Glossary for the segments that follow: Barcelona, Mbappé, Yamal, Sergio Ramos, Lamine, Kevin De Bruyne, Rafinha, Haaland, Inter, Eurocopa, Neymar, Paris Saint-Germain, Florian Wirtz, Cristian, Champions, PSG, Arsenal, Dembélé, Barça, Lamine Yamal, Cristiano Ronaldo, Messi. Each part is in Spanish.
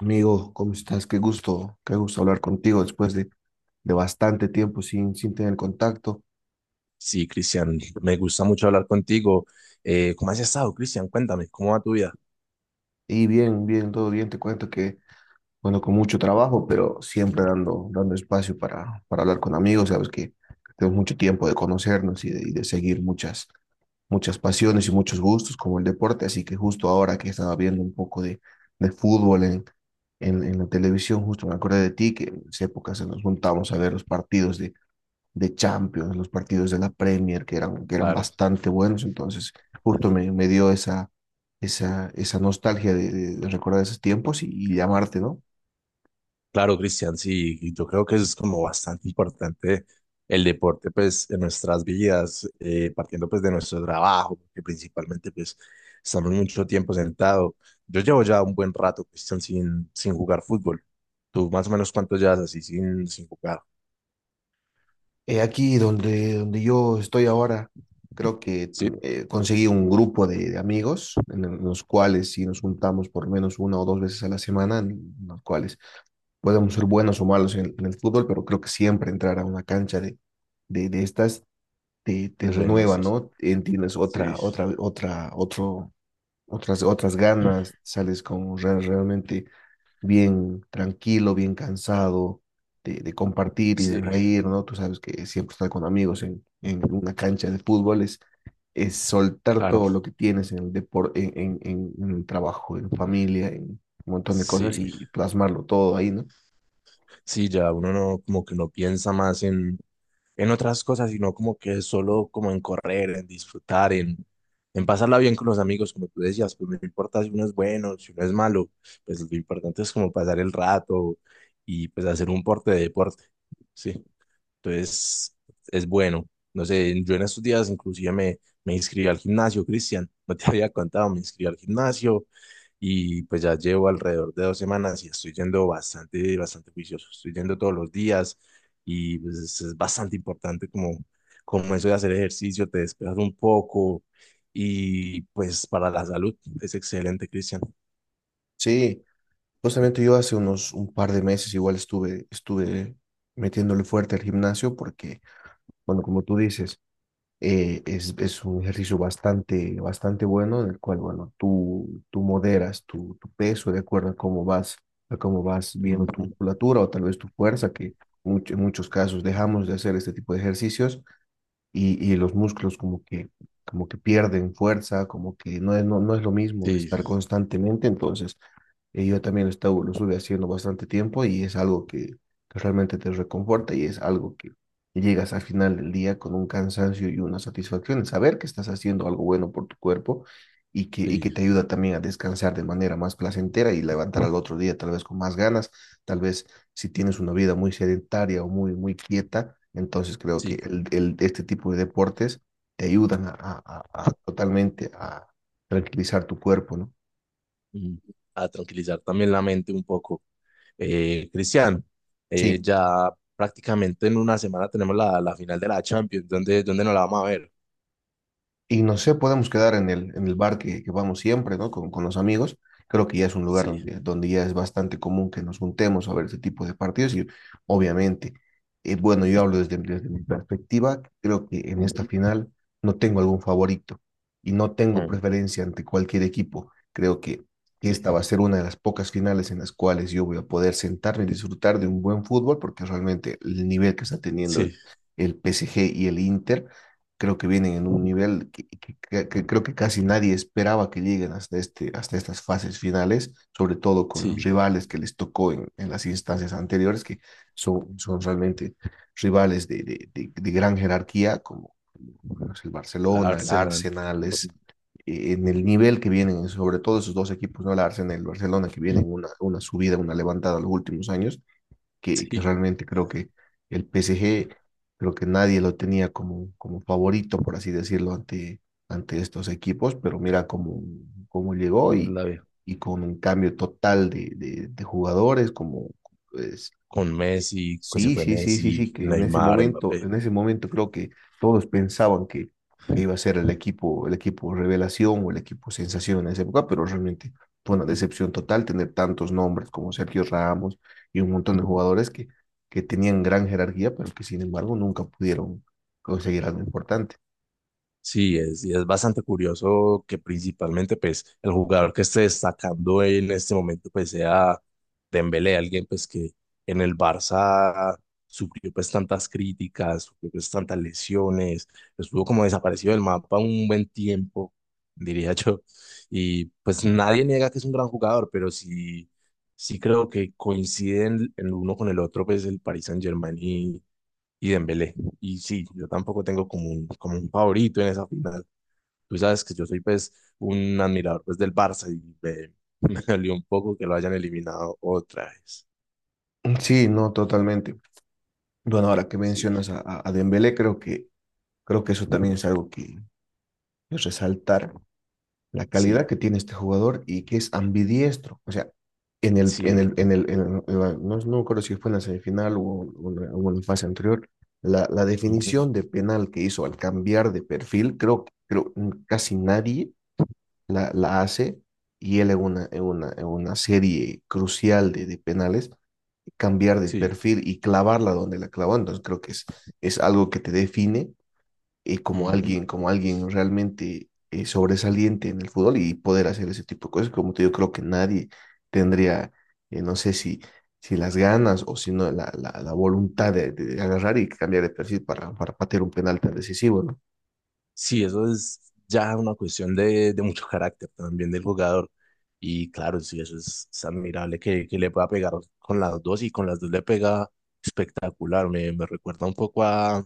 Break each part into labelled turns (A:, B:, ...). A: Amigo, ¿cómo estás? Qué gusto hablar contigo después de bastante tiempo sin tener contacto.
B: Sí, Cristian, me gusta mucho hablar contigo. ¿Cómo has estado, Cristian? Cuéntame, ¿cómo va tu vida?
A: Y bien, bien, todo bien. Te cuento que, bueno, con mucho trabajo, pero siempre dando espacio para hablar con amigos. Sabes que tenemos mucho tiempo de conocernos y de seguir muchas, muchas pasiones y muchos gustos como el deporte. Así que justo ahora que estaba viendo un poco de fútbol en la televisión, justo me acordé de ti, que en esa época se nos juntamos a ver los partidos de Champions, los partidos de la Premier, que eran
B: Claro,
A: bastante buenos, entonces justo me dio esa nostalgia de, de recordar esos tiempos y llamarte, ¿no?
B: claro, Cristian, sí, y yo creo que eso es como bastante importante el deporte, pues, en nuestras vidas, partiendo, pues, de nuestro trabajo, que principalmente, pues, estamos mucho tiempo sentado. Yo llevo ya un buen rato, Cristian, sin jugar fútbol. ¿Tú más o menos cuánto llevas así sin jugar?
A: Aquí donde yo estoy ahora, creo que
B: Sí,
A: conseguí un grupo de amigos en, en los cuales si nos juntamos por lo menos una o dos veces a la semana, en los cuales podemos ser buenos o malos en el fútbol, pero creo que siempre entrar a una cancha de, de estas te
B: es bueno,
A: renueva,
B: sí,
A: ¿no? En tienes otra,
B: sí,
A: otra, otra, otro, otras, otras ganas, sales con realmente bien tranquilo, bien cansado de compartir y de
B: sí,
A: reír, ¿no? Tú sabes que siempre estar con amigos en una cancha de fútbol es soltar
B: claro,
A: todo lo que tienes en el deporte, en el trabajo, en familia, en un montón de cosas
B: sí.
A: y plasmarlo todo ahí, ¿no?
B: Sí, ya uno no, como que no piensa más en otras cosas, sino como que solo como en correr, en disfrutar, en pasarla bien con los amigos, como tú decías, pues no importa si uno es bueno, si uno es malo, pues lo importante es como pasar el rato y pues hacer un porte de deporte, sí. Entonces, es bueno. No sé, yo en estos días inclusive me inscribí al gimnasio, Cristian. No te había contado, me inscribí al gimnasio y pues ya llevo alrededor de dos semanas y estoy yendo bastante juicioso. Estoy yendo todos los días y pues es bastante importante como eso de hacer ejercicio, te despejas un poco y pues para la salud es excelente, Cristian.
A: Sí. Justamente yo hace unos un par de meses igual estuve metiéndole fuerte al gimnasio porque, bueno, como tú dices, es un ejercicio bastante, bastante bueno en el cual, bueno, tú moderas tu, tu peso de acuerdo a cómo vas viendo tu
B: Ujú.
A: musculatura o tal vez tu fuerza, que en muchos casos dejamos de hacer este tipo de ejercicios y los músculos como que pierden fuerza, como que no es, no, no es lo mismo estar
B: Sí,
A: constantemente, entonces... yo también lo estuve haciendo bastante tiempo y es algo que realmente te reconforta y es algo que llegas al final del día con un cansancio y una satisfacción en saber que estás haciendo algo bueno por tu cuerpo y que
B: sí,
A: te ayuda también a descansar de manera más placentera y levantar al otro día tal vez con más ganas, tal vez si tienes una vida muy sedentaria o muy, muy quieta, entonces creo que
B: sí.
A: el, este tipo de deportes te ayudan a, a totalmente a tranquilizar tu cuerpo, ¿no?
B: Ujú. A tranquilizar también la mente un poco. Cristian,
A: Sí.
B: ya prácticamente en una semana tenemos la, la final de la Champions. Dónde nos la vamos a ver?
A: Y no sé, podemos quedar en el bar que vamos siempre, ¿no? Con los amigos. Creo que ya es un lugar
B: Sí.
A: donde, donde ya es bastante común que nos juntemos a ver ese tipo de partidos y obviamente, bueno, yo hablo desde, desde mi perspectiva, creo que en esta
B: Ujú,
A: final no tengo algún favorito y no tengo
B: ujú,
A: preferencia ante cualquier equipo. Creo que
B: sí,
A: esta va a ser una de las pocas finales en las cuales yo voy a poder sentarme y disfrutar de un buen fútbol porque realmente el nivel que está teniendo
B: sí,
A: el PSG y el Inter creo que vienen en un nivel que, que creo que casi nadie esperaba que lleguen hasta este, hasta estas fases finales, sobre todo con los
B: sí.
A: rivales que les tocó en las instancias anteriores, que son, son realmente rivales de, de gran jerarquía, como, como bueno, es el
B: La
A: Barcelona, el
B: Arsenal.
A: Arsenal, es,
B: Ujú,
A: en el nivel que vienen, sobre todo esos dos equipos, ¿no? El Arsenal y el Barcelona, que vienen una subida, una levantada los últimos años que
B: Sí,
A: realmente creo que el PSG, creo que nadie lo tenía como, como favorito, por así decirlo, ante, ante estos equipos, pero mira cómo, cómo llegó
B: no la veo.
A: y con un cambio total de, de jugadores, como pues,
B: Con Messi, que se
A: sí,
B: fue Messi,
A: que
B: Neymar, Mbappé.
A: en ese momento creo que todos pensaban que iba a ser el equipo revelación o el equipo sensación en esa época, pero realmente fue una
B: Mm,
A: decepción total tener tantos nombres como Sergio Ramos y un montón de
B: mm,
A: jugadores que tenían gran jerarquía, pero que sin embargo nunca pudieron conseguir algo importante.
B: sí, y es bastante curioso que principalmente pues el jugador que esté destacando en este momento pues sea Dembélé, alguien pues que en el Barça sufrió pues tantas críticas, sufrió pues tantas lesiones, estuvo como desaparecido del mapa un buen tiempo, diría yo, y pues nadie niega que es un gran jugador, pero sí, sí creo que coinciden el uno con el otro pues el Paris Saint-Germain y Dembélé. Y sí, yo tampoco tengo como un favorito en esa final. Tú sabes que yo soy pues un admirador pues del Barça y me dolió un poco que lo hayan eliminado otra vez.
A: Sí, no, totalmente. Bueno, ahora que
B: Sí,
A: mencionas a, a Dembélé, creo que eso también es algo que es resaltar la
B: sí,
A: calidad que tiene este jugador y que es ambidiestro. O sea, en el, en
B: sí,
A: el, en el, no, no me acuerdo si fue en la semifinal o en la fase anterior, la
B: ujú,
A: definición de penal que hizo al cambiar de perfil, creo que creo, casi nadie la hace y él en una, en una, en una serie crucial de penales, cambiar de
B: sí,
A: perfil y clavarla donde la clavó. Entonces creo que es algo que te define
B: ujú.
A: como alguien realmente sobresaliente en el fútbol y poder hacer ese tipo de cosas. Como te digo, creo que nadie tendría, no sé si, si las ganas o si no la, la voluntad de agarrar y cambiar de perfil para patear un penal tan decisivo, ¿no?
B: Sí, eso es ya una cuestión de mucho carácter también del jugador. Y claro, sí, eso es admirable que le pueda pegar con las dos y con las dos le pega espectacular. Me recuerda un poco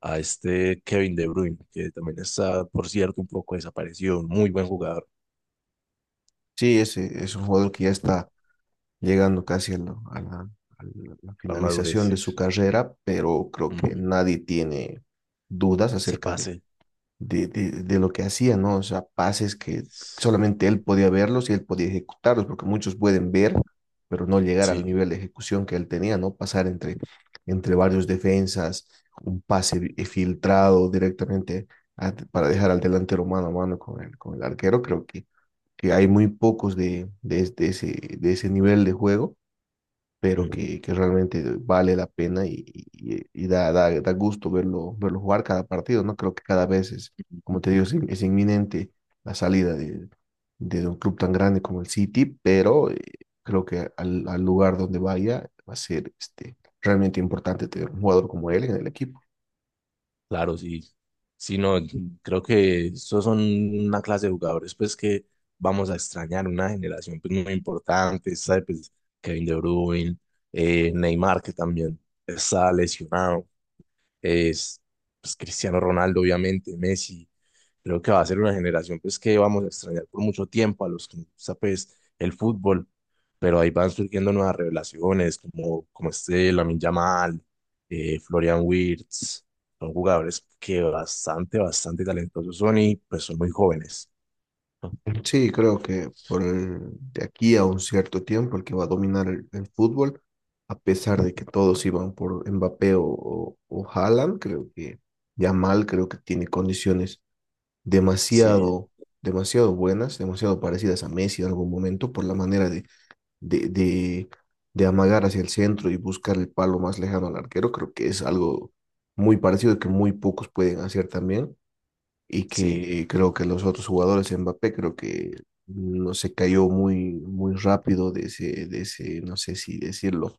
B: a este Kevin De Bruyne, que también está, por cierto, un poco desaparecido, un muy buen jugador,
A: Sí, ese es un jugador que ya está llegando casi a la, a la, a la
B: la madurez,
A: finalización de
B: sí.
A: su carrera, pero creo que
B: Ujú,
A: nadie tiene dudas
B: se
A: acerca
B: pase,
A: de lo que hacía, ¿no? O sea, pases que solamente él podía verlos y él podía ejecutarlos, porque muchos pueden ver, pero no llegar al
B: sí.
A: nivel de ejecución que él tenía, ¿no? Pasar entre, entre varios defensas, un pase filtrado directamente para dejar al delantero mano a mano con el arquero, creo que hay muy pocos de ese nivel de juego pero
B: Ujú,
A: que realmente vale la pena y, y da, da gusto verlo, verlo jugar cada partido, ¿no? Creo que cada vez es, como te digo, es, es inminente la salida de un club tan grande como el City, pero creo que al, al lugar donde vaya va a ser este, realmente importante tener un jugador como él en el equipo.
B: claro, sí. Sí, no, creo que estos son una clase de jugadores pues que vamos a extrañar, una generación pues muy importante, ¿sabe? Pues Kevin De Bruyne, Neymar que también está lesionado, es pues, Cristiano Ronaldo, obviamente, Messi. Creo que va a ser una generación pues, que vamos a extrañar por mucho tiempo a los que nos gusta pues, el fútbol, pero ahí van surgiendo nuevas revelaciones, como este Lamine Yamal, Florian Wirtz. Son jugadores que bastante talentosos son y pues son muy jóvenes. ¿No?
A: Sí, creo que por de aquí a un cierto tiempo el que va a dominar el fútbol, a pesar de que todos iban por Mbappé o Haaland, creo que Yamal creo que tiene condiciones
B: Sí,
A: demasiado, demasiado buenas, demasiado parecidas a Messi en algún momento por la manera de, de, de, de amagar hacia el centro y buscar el palo más lejano al arquero. Creo que es algo muy parecido que muy pocos pueden hacer también y
B: sí.
A: que creo que los otros jugadores, Mbappé, creo que no se cayó muy, muy rápido de ese, no sé si decirlo,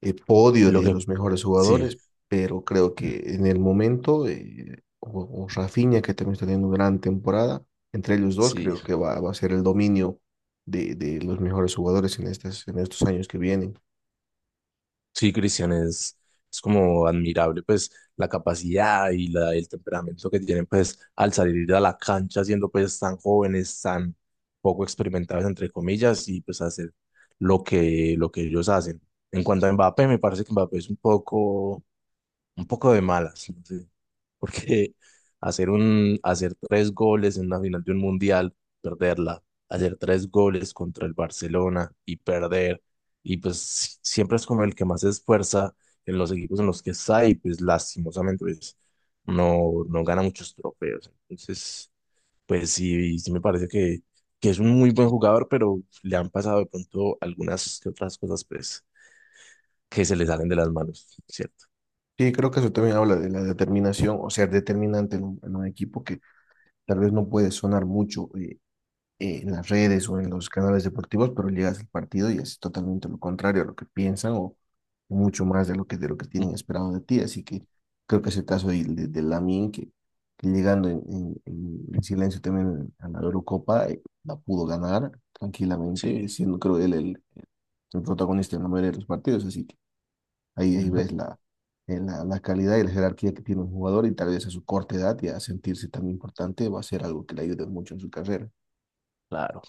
A: podio
B: Lo
A: de
B: que,
A: los mejores
B: sí,
A: jugadores, pero creo que en el momento, o Rafinha, que también está teniendo gran temporada, entre ellos dos
B: sí.
A: creo que va, va a ser el dominio de los mejores jugadores en estos años que vienen.
B: Sí, Cristian, es como admirable pues la capacidad y la, el temperamento que tienen pues al salir a la cancha siendo pues tan jóvenes, tan poco experimentados entre comillas y pues hacer lo que ellos hacen. En cuanto a Mbappé, me parece que Mbappé es un poco de malas. ¿No? Porque hacer un, hacer tres goles en la final de un mundial, perderla, hacer tres goles contra el Barcelona y perder, y pues si- siempre es como el que más se esfuerza en los equipos en los que está y pues lastimosamente pues no gana muchos trofeos. Entonces, pues sí, sí me parece que es un muy buen jugador, pero le han pasado de pronto algunas que otras cosas pues que se le salen de las manos, ¿cierto?
A: Sí, creo que eso también habla de la determinación o ser determinante en un equipo que tal vez no puede sonar mucho en las redes o en los canales deportivos, pero llegas al partido y es totalmente lo contrario a lo que piensan o mucho más de lo que tienen
B: Mm,
A: esperado de ti. Así que creo que es el caso de Lamine, que llegando en, en silencio también a la Eurocopa, la pudo ganar tranquilamente,
B: sí,
A: y siendo creo él el protagonista en la mayoría de los partidos. Así que ahí, ahí
B: mm,
A: ves la, la, la calidad y la jerarquía que tiene un jugador y tal vez a su corta edad y a sentirse tan importante va a ser algo que le ayude mucho en su carrera.
B: claro.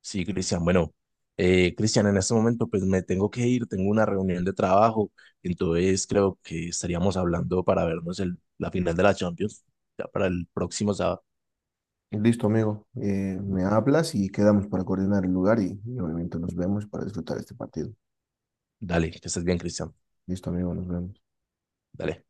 B: Sí, Cristian, bueno, en este momento pues me tengo que ir, tengo una reunión de trabajo, entonces creo que estaríamos hablando para vernos el, la final de la Champions, ya para el próximo sábado.
A: Listo, amigo. Me hablas y quedamos para coordinar el lugar y obviamente nos vemos para disfrutar este partido.
B: Dale, que estés bien, Cristian,
A: Listo, amigo, nos vemos.
B: dale.